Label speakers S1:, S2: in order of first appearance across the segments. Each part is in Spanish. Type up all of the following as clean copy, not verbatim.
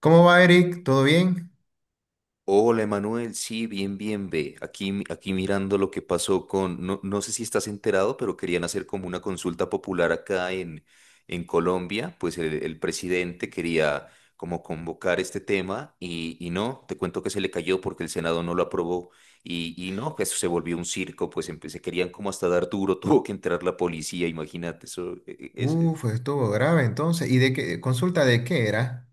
S1: ¿Cómo va, Eric? ¿Todo bien?
S2: Hola, Emanuel. Sí, bien, bien, ve. Aquí, aquí mirando lo que pasó con, no, sé si estás enterado, pero querían hacer como una consulta popular acá en Colombia. Pues el presidente quería como convocar este tema y no, te cuento que se le cayó porque el Senado no lo aprobó y no, eso se volvió un circo, pues se querían como hasta dar duro, tuvo que entrar la policía, imagínate, eso.
S1: Uf, estuvo grave entonces. ¿Y de qué? ¿Consulta de qué era?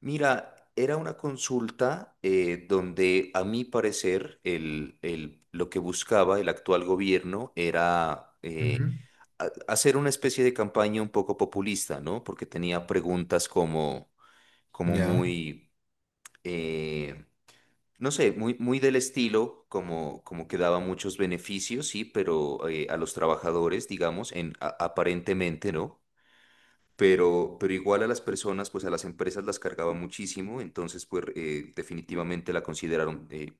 S2: Mira, era una consulta donde, a mi parecer, lo que buscaba el actual gobierno era
S1: Ujú.
S2: hacer una especie de campaña un poco populista, ¿no? Porque tenía preguntas como, como
S1: Ya.
S2: muy, eh, no sé, muy, muy del estilo, como, como que daba muchos beneficios, sí, pero a los trabajadores, digamos, en, aparentemente, ¿no? Pero igual a las personas, pues a las empresas las cargaba muchísimo, entonces pues definitivamente la consideraron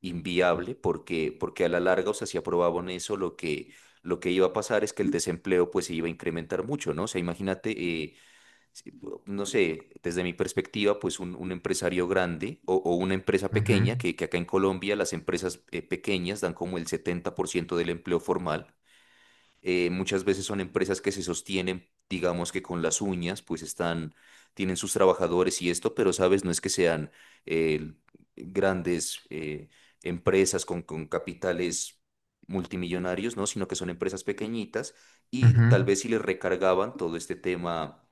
S2: inviable porque, porque a la larga, o sea, si aprobaban eso, lo que iba a pasar es que el desempleo pues se iba a incrementar mucho, ¿no? O sea, imagínate, eh, si- no sé, desde mi perspectiva, pues un empresario grande o una empresa
S1: Ujú.
S2: pequeña, que acá en Colombia las empresas pequeñas dan como el 70% del empleo formal. Muchas veces son empresas que se sostienen, digamos que con las uñas, pues están, tienen sus trabajadores y esto, pero sabes, no es que sean eh, grandes empresas con capitales multimillonarios, ¿no? Sino que son empresas pequeñitas y tal
S1: Ujú.
S2: vez si les recargaban todo este tema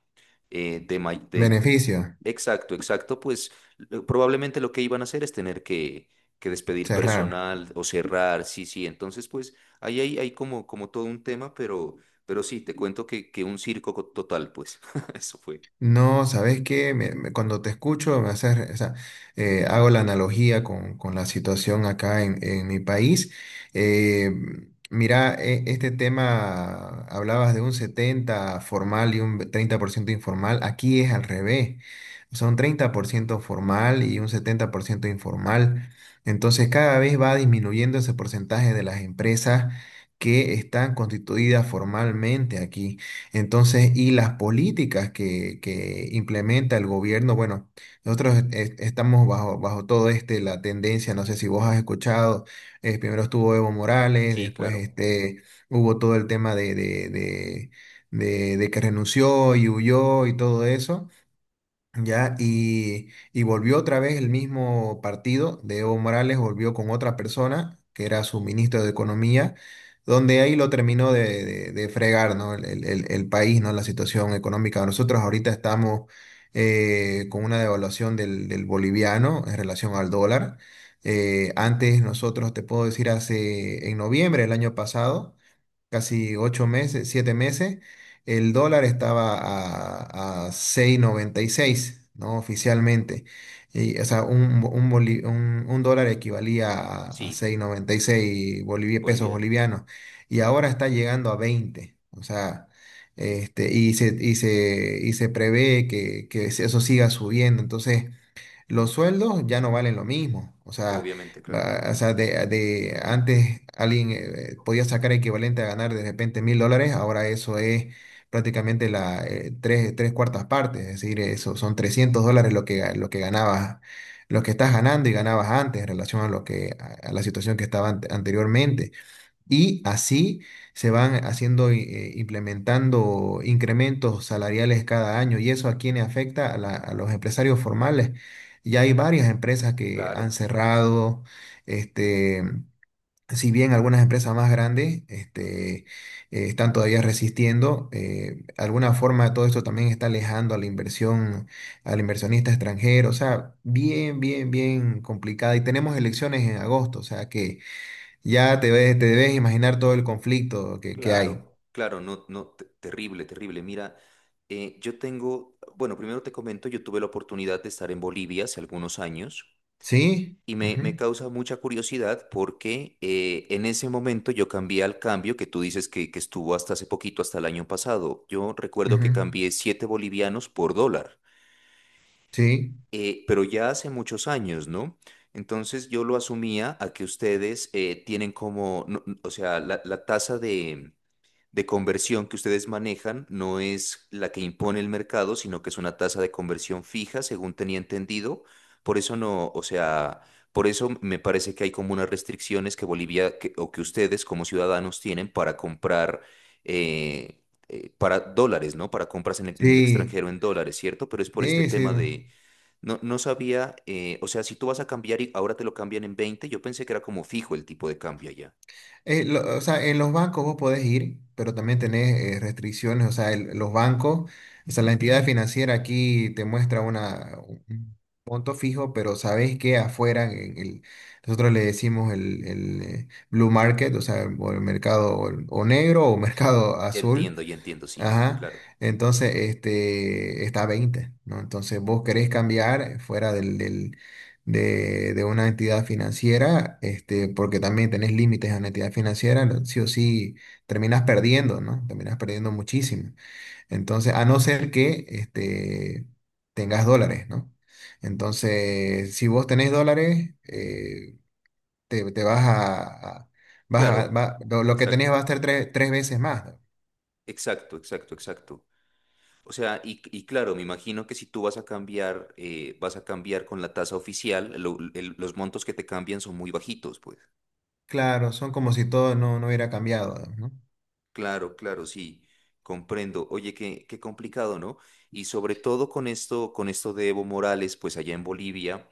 S2: de, ma- de-
S1: Beneficio.
S2: Exacto, exacto, pues probablemente lo que iban a hacer es tener que despedir
S1: Cerrar.
S2: personal o cerrar, sí, sí, entonces pues... Ahí hay, hay como, como todo un tema, pero sí, te cuento que un circo total, pues. Eso fue.
S1: No, ¿sabes qué? Cuando te escucho, me haces, o sea, hago la analogía con la situación acá en mi país. Eh, mira, este tema, hablabas de un 70 formal y un 30% informal. Aquí es al revés. Son 30% formal y un 70% informal. Entonces, cada vez va disminuyendo ese porcentaje de las empresas que están constituidas formalmente aquí. Entonces, y las políticas que implementa el gobierno, bueno, nosotros estamos bajo, bajo todo este, la tendencia, no sé si vos has escuchado, primero estuvo Evo Morales,
S2: Sí,
S1: después
S2: claro.
S1: este, hubo todo el tema de que renunció y huyó y todo eso. Ya, y volvió otra vez el mismo partido de Evo Morales, volvió con otra persona, que era su ministro de Economía, donde ahí lo terminó de fregar, ¿no? El país, ¿no? La situación económica. Nosotros ahorita estamos con una devaluación del boliviano en relación al dólar. Antes nosotros, te puedo decir, hace en noviembre del año pasado casi 8 meses, 7 meses, el dólar estaba a 6,96, ¿no? Oficialmente. Y, o sea, un, bo- un, boli- un dólar equivalía a
S2: Sí,
S1: 6,96 pesos
S2: bolivianos.
S1: bolivianos. Y ahora está llegando a 20. O sea, este, y se prevé que eso siga subiendo. Entonces, los sueldos ya no valen lo mismo. O
S2: Eh,
S1: sea,
S2: obviamente, claro.
S1: o sea de antes alguien podía sacar equivalente a ganar de repente $1.000, ahora eso es prácticamente la, tres cuartas partes, es decir, eso son $300 lo que, lo que ganabas, lo que estás ganando y ganabas antes en relación a lo que, a la situación que estaba anteriormente. Y así se van haciendo, implementando incrementos salariales cada año. ¿Y eso a quién le afecta? A, a los empresarios formales. Ya hay varias empresas que
S2: Claro,
S1: han cerrado. Este, si bien algunas empresas más grandes este, están todavía resistiendo, de alguna forma todo esto también está alejando a la inversión, al inversionista extranjero. O sea, bien, bien, bien complicada. Y tenemos elecciones en agosto. O sea que ya te te debes imaginar todo el conflicto que hay.
S2: claro, claro, no, no, terrible, terrible. Mira, yo tengo, bueno, primero te comento, yo tuve la oportunidad de estar en Bolivia hace algunos años.
S1: ¿Sí?
S2: Y me
S1: Ujú,
S2: causa mucha curiosidad porque en ese momento yo cambié al cambio que tú dices que estuvo hasta hace poquito, hasta el año pasado. Yo recuerdo
S1: ujú.
S2: que cambié 7 bolivianos por dólar,
S1: Sí,
S2: pero ya hace muchos años, ¿no? Entonces yo lo asumía a que ustedes tienen como, o sea, la tasa de conversión que ustedes manejan no es la que impone el mercado, sino que es una tasa de conversión fija, según tenía entendido. Por eso no, o sea, por eso me parece que hay como unas restricciones que Bolivia o que ustedes como ciudadanos tienen para comprar eh, para dólares, ¿no? Para compras en el
S1: sí,
S2: extranjero en dólares, ¿cierto? Pero es por este
S1: sí, sí.
S2: tema de no, no sabía, o sea, si tú vas a cambiar y ahora te lo cambian en veinte, yo pensé que era como fijo el tipo de cambio allá.
S1: O sea, en los bancos vos podés ir, pero también tenés restricciones. O sea, los bancos, o sea, la entidad financiera aquí te muestra una, un monto fijo, pero sabés que afuera, en el, nosotros le decimos el blue market, o sea, o el mercado o negro o mercado azul.
S2: Ya entiendo, sí,
S1: Ajá.
S2: claro.
S1: Entonces, este, está a 20, ¿no? Entonces, vos querés cambiar fuera de una entidad financiera, este, porque también tenés límites a una entidad financiera, sí o sí terminás perdiendo, ¿no? Terminás perdiendo muchísimo. Entonces, a no ser que, este, tengas dólares, ¿no? Entonces, si vos tenés dólares, te, te vas a- vas
S2: Claro,
S1: a- va- lo que tenés
S2: exacto,
S1: va a ser tres veces más.
S2: exacto, exacto, exacto. O sea, y claro, me imagino que si tú vas a cambiar con la tasa oficial, los montos que te cambian son muy bajitos, pues.
S1: Claro, son como si todo no, no hubiera cambiado, ¿no?
S2: Claro, claro, sí, comprendo. Oye, qué, qué complicado, ¿no? Y sobre todo con esto de Evo Morales, pues allá en Bolivia,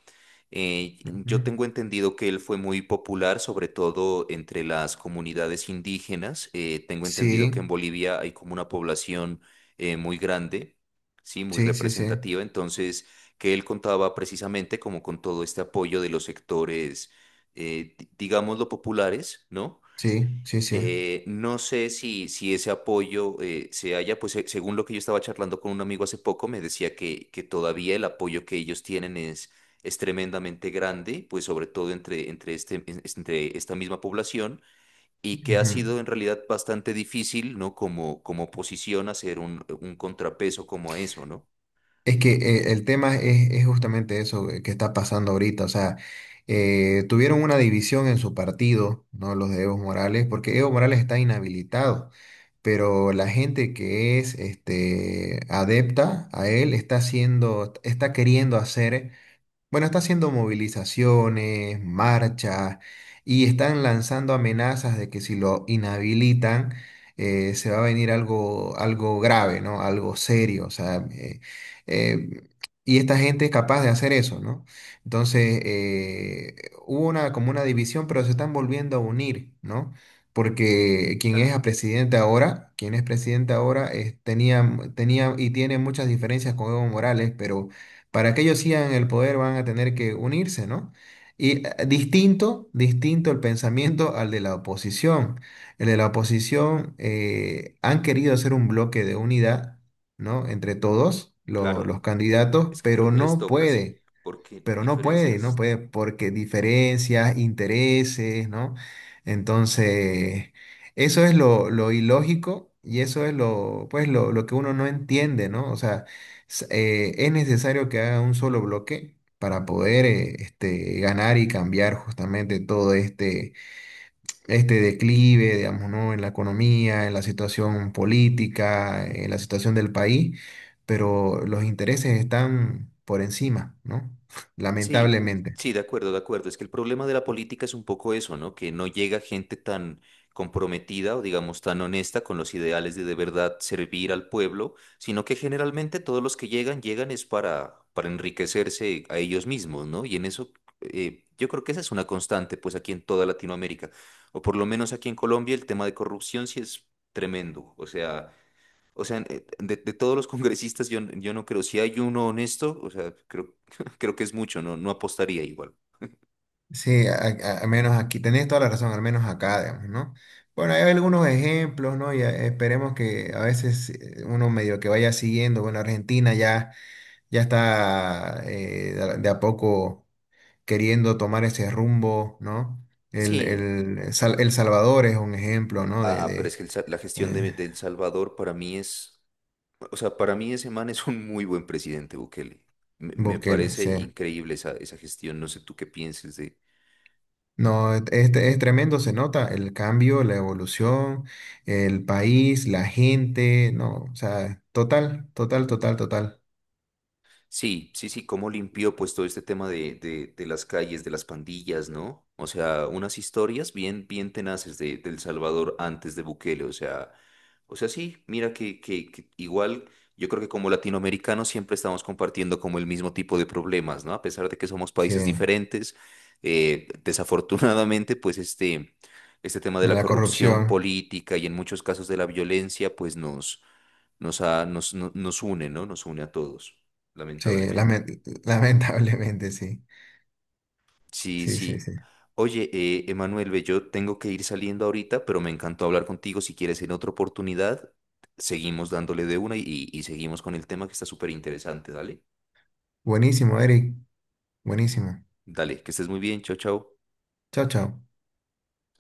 S2: eh, yo tengo
S1: Ujú.
S2: entendido que él fue muy popular, sobre todo entre las comunidades indígenas. Tengo entendido que
S1: Sí,
S2: en Bolivia hay como una población muy grande, sí, muy
S1: sí, sí, sí,
S2: representativa. Entonces, que él contaba precisamente como con todo este apoyo de los sectores, digámoslo, populares, ¿no?
S1: sí, sí, sí.
S2: No sé si, si ese apoyo se haya pues según lo que yo estaba charlando con un amigo hace poco, me decía que todavía el apoyo que ellos tienen es tremendamente grande, pues sobre todo entre, entre, este, entre esta misma población, y que ha
S1: Ujú.
S2: sido en realidad bastante difícil, ¿no? Como, como oposición hacer un contrapeso como a eso, ¿no?
S1: Es que el tema es justamente eso que está pasando ahorita, o sea, tuvieron una división en su partido, ¿no? Los de Evo Morales, porque Evo Morales está inhabilitado, pero la gente que es este, adepta a él está haciendo, está queriendo hacer. Bueno, está haciendo movilizaciones, marchas y están lanzando amenazas de que si lo inhabilitan se va a venir algo, algo grave, ¿no? Algo serio, o sea, eh, y esta gente es capaz de hacer eso, ¿no? Entonces, hubo una, como una división, pero se están volviendo a unir, ¿no? Porque quien es
S2: Tal-
S1: a presidente ahora, quien es presidente ahora, tenía y tiene muchas diferencias con Evo Morales, pero para que ellos sigan el poder van a tener que unirse, ¿no? Y distinto, distinto el pensamiento al de la oposición. El de la oposición han querido hacer un bloque de unidad, ¿no? Entre todos
S2: Claro,
S1: los
S2: eh,
S1: candidatos,
S2: es que creo
S1: pero
S2: que les
S1: no
S2: toca, sí,
S1: puede,
S2: porque
S1: pero no
S2: diferencias.
S1: puede, porque diferencias, intereses, ¿no? Entonces, eso es lo ilógico y eso es lo, pues, lo que uno no entiende, ¿no? O sea, es necesario que haga un solo bloque para poder este, ganar y cambiar justamente todo este este declive, digamos, ¿no? En la economía, en la situación política, en la situación del país, pero los intereses están por encima, ¿no?
S2: Sí,
S1: Lamentablemente.
S2: sí, de acuerdo, de acuerdo. Es que el problema de la política es un poco eso, ¿no? Que no llega gente tan comprometida o digamos tan honesta con los ideales de verdad servir al pueblo, sino que generalmente todos los que llegan, llegan es para enriquecerse a ellos mismos, ¿no? Y en eso yo creo que esa es una constante, pues aquí en toda Latinoamérica, o por lo menos aquí en Colombia el tema de corrupción sí es tremendo. O sea, de todos los congresistas yo, yo no creo, si hay uno honesto, o sea, creo, creo que es mucho, no, no apostaría igual.
S1: Sí, al menos aquí, tenés toda la razón, al menos acá, digamos, ¿no? Bueno, hay algunos ejemplos, ¿no? Y esperemos que a veces uno medio que vaya siguiendo, bueno, Argentina ya, ya está de a poco queriendo tomar ese rumbo, ¿no?
S2: Sí,
S1: El Salvador es un ejemplo, ¿no?
S2: ah, pero es
S1: De
S2: que el la gestión
S1: eh,
S2: de El Salvador para mí es, o sea, para mí ese man es un muy buen presidente, Bukele. Me
S1: Bukele,
S2: parece
S1: sí.
S2: increíble esa, esa gestión, no sé tú qué pienses de,
S1: No, es, es tremendo, se nota el cambio, la evolución, el país, la gente, no, o sea, total, total, total, total.
S2: sí, sí, sí, cómo limpió pues todo este tema de las calles, de las pandillas, ¿no? O sea, unas historias bien, bien tenaces de, del Salvador antes de Bukele, o sea, sí, mira que igual yo creo que como latinoamericanos siempre estamos compartiendo como el mismo tipo de problemas, ¿no? A pesar de que somos
S1: Sí,
S2: países diferentes, desafortunadamente pues este tema de la
S1: la
S2: corrupción
S1: corrupción,
S2: política y en muchos casos de la violencia pues nos, nos, nos, nos une, ¿no? Nos une a todos
S1: sí,
S2: lamentablemente.
S1: lamentablemente, sí,
S2: Sí,
S1: sí, sí,
S2: sí.
S1: sí.
S2: Oye, Emanuel, ve, yo tengo que ir saliendo ahorita, pero me encantó hablar contigo. Si quieres en otra oportunidad, seguimos dándole de una y seguimos con el tema que está súper interesante. Dale,
S1: Buenísimo, Eric, buenísimo.
S2: dale, que estés muy bien. Chao, chao.
S1: Chao, chao.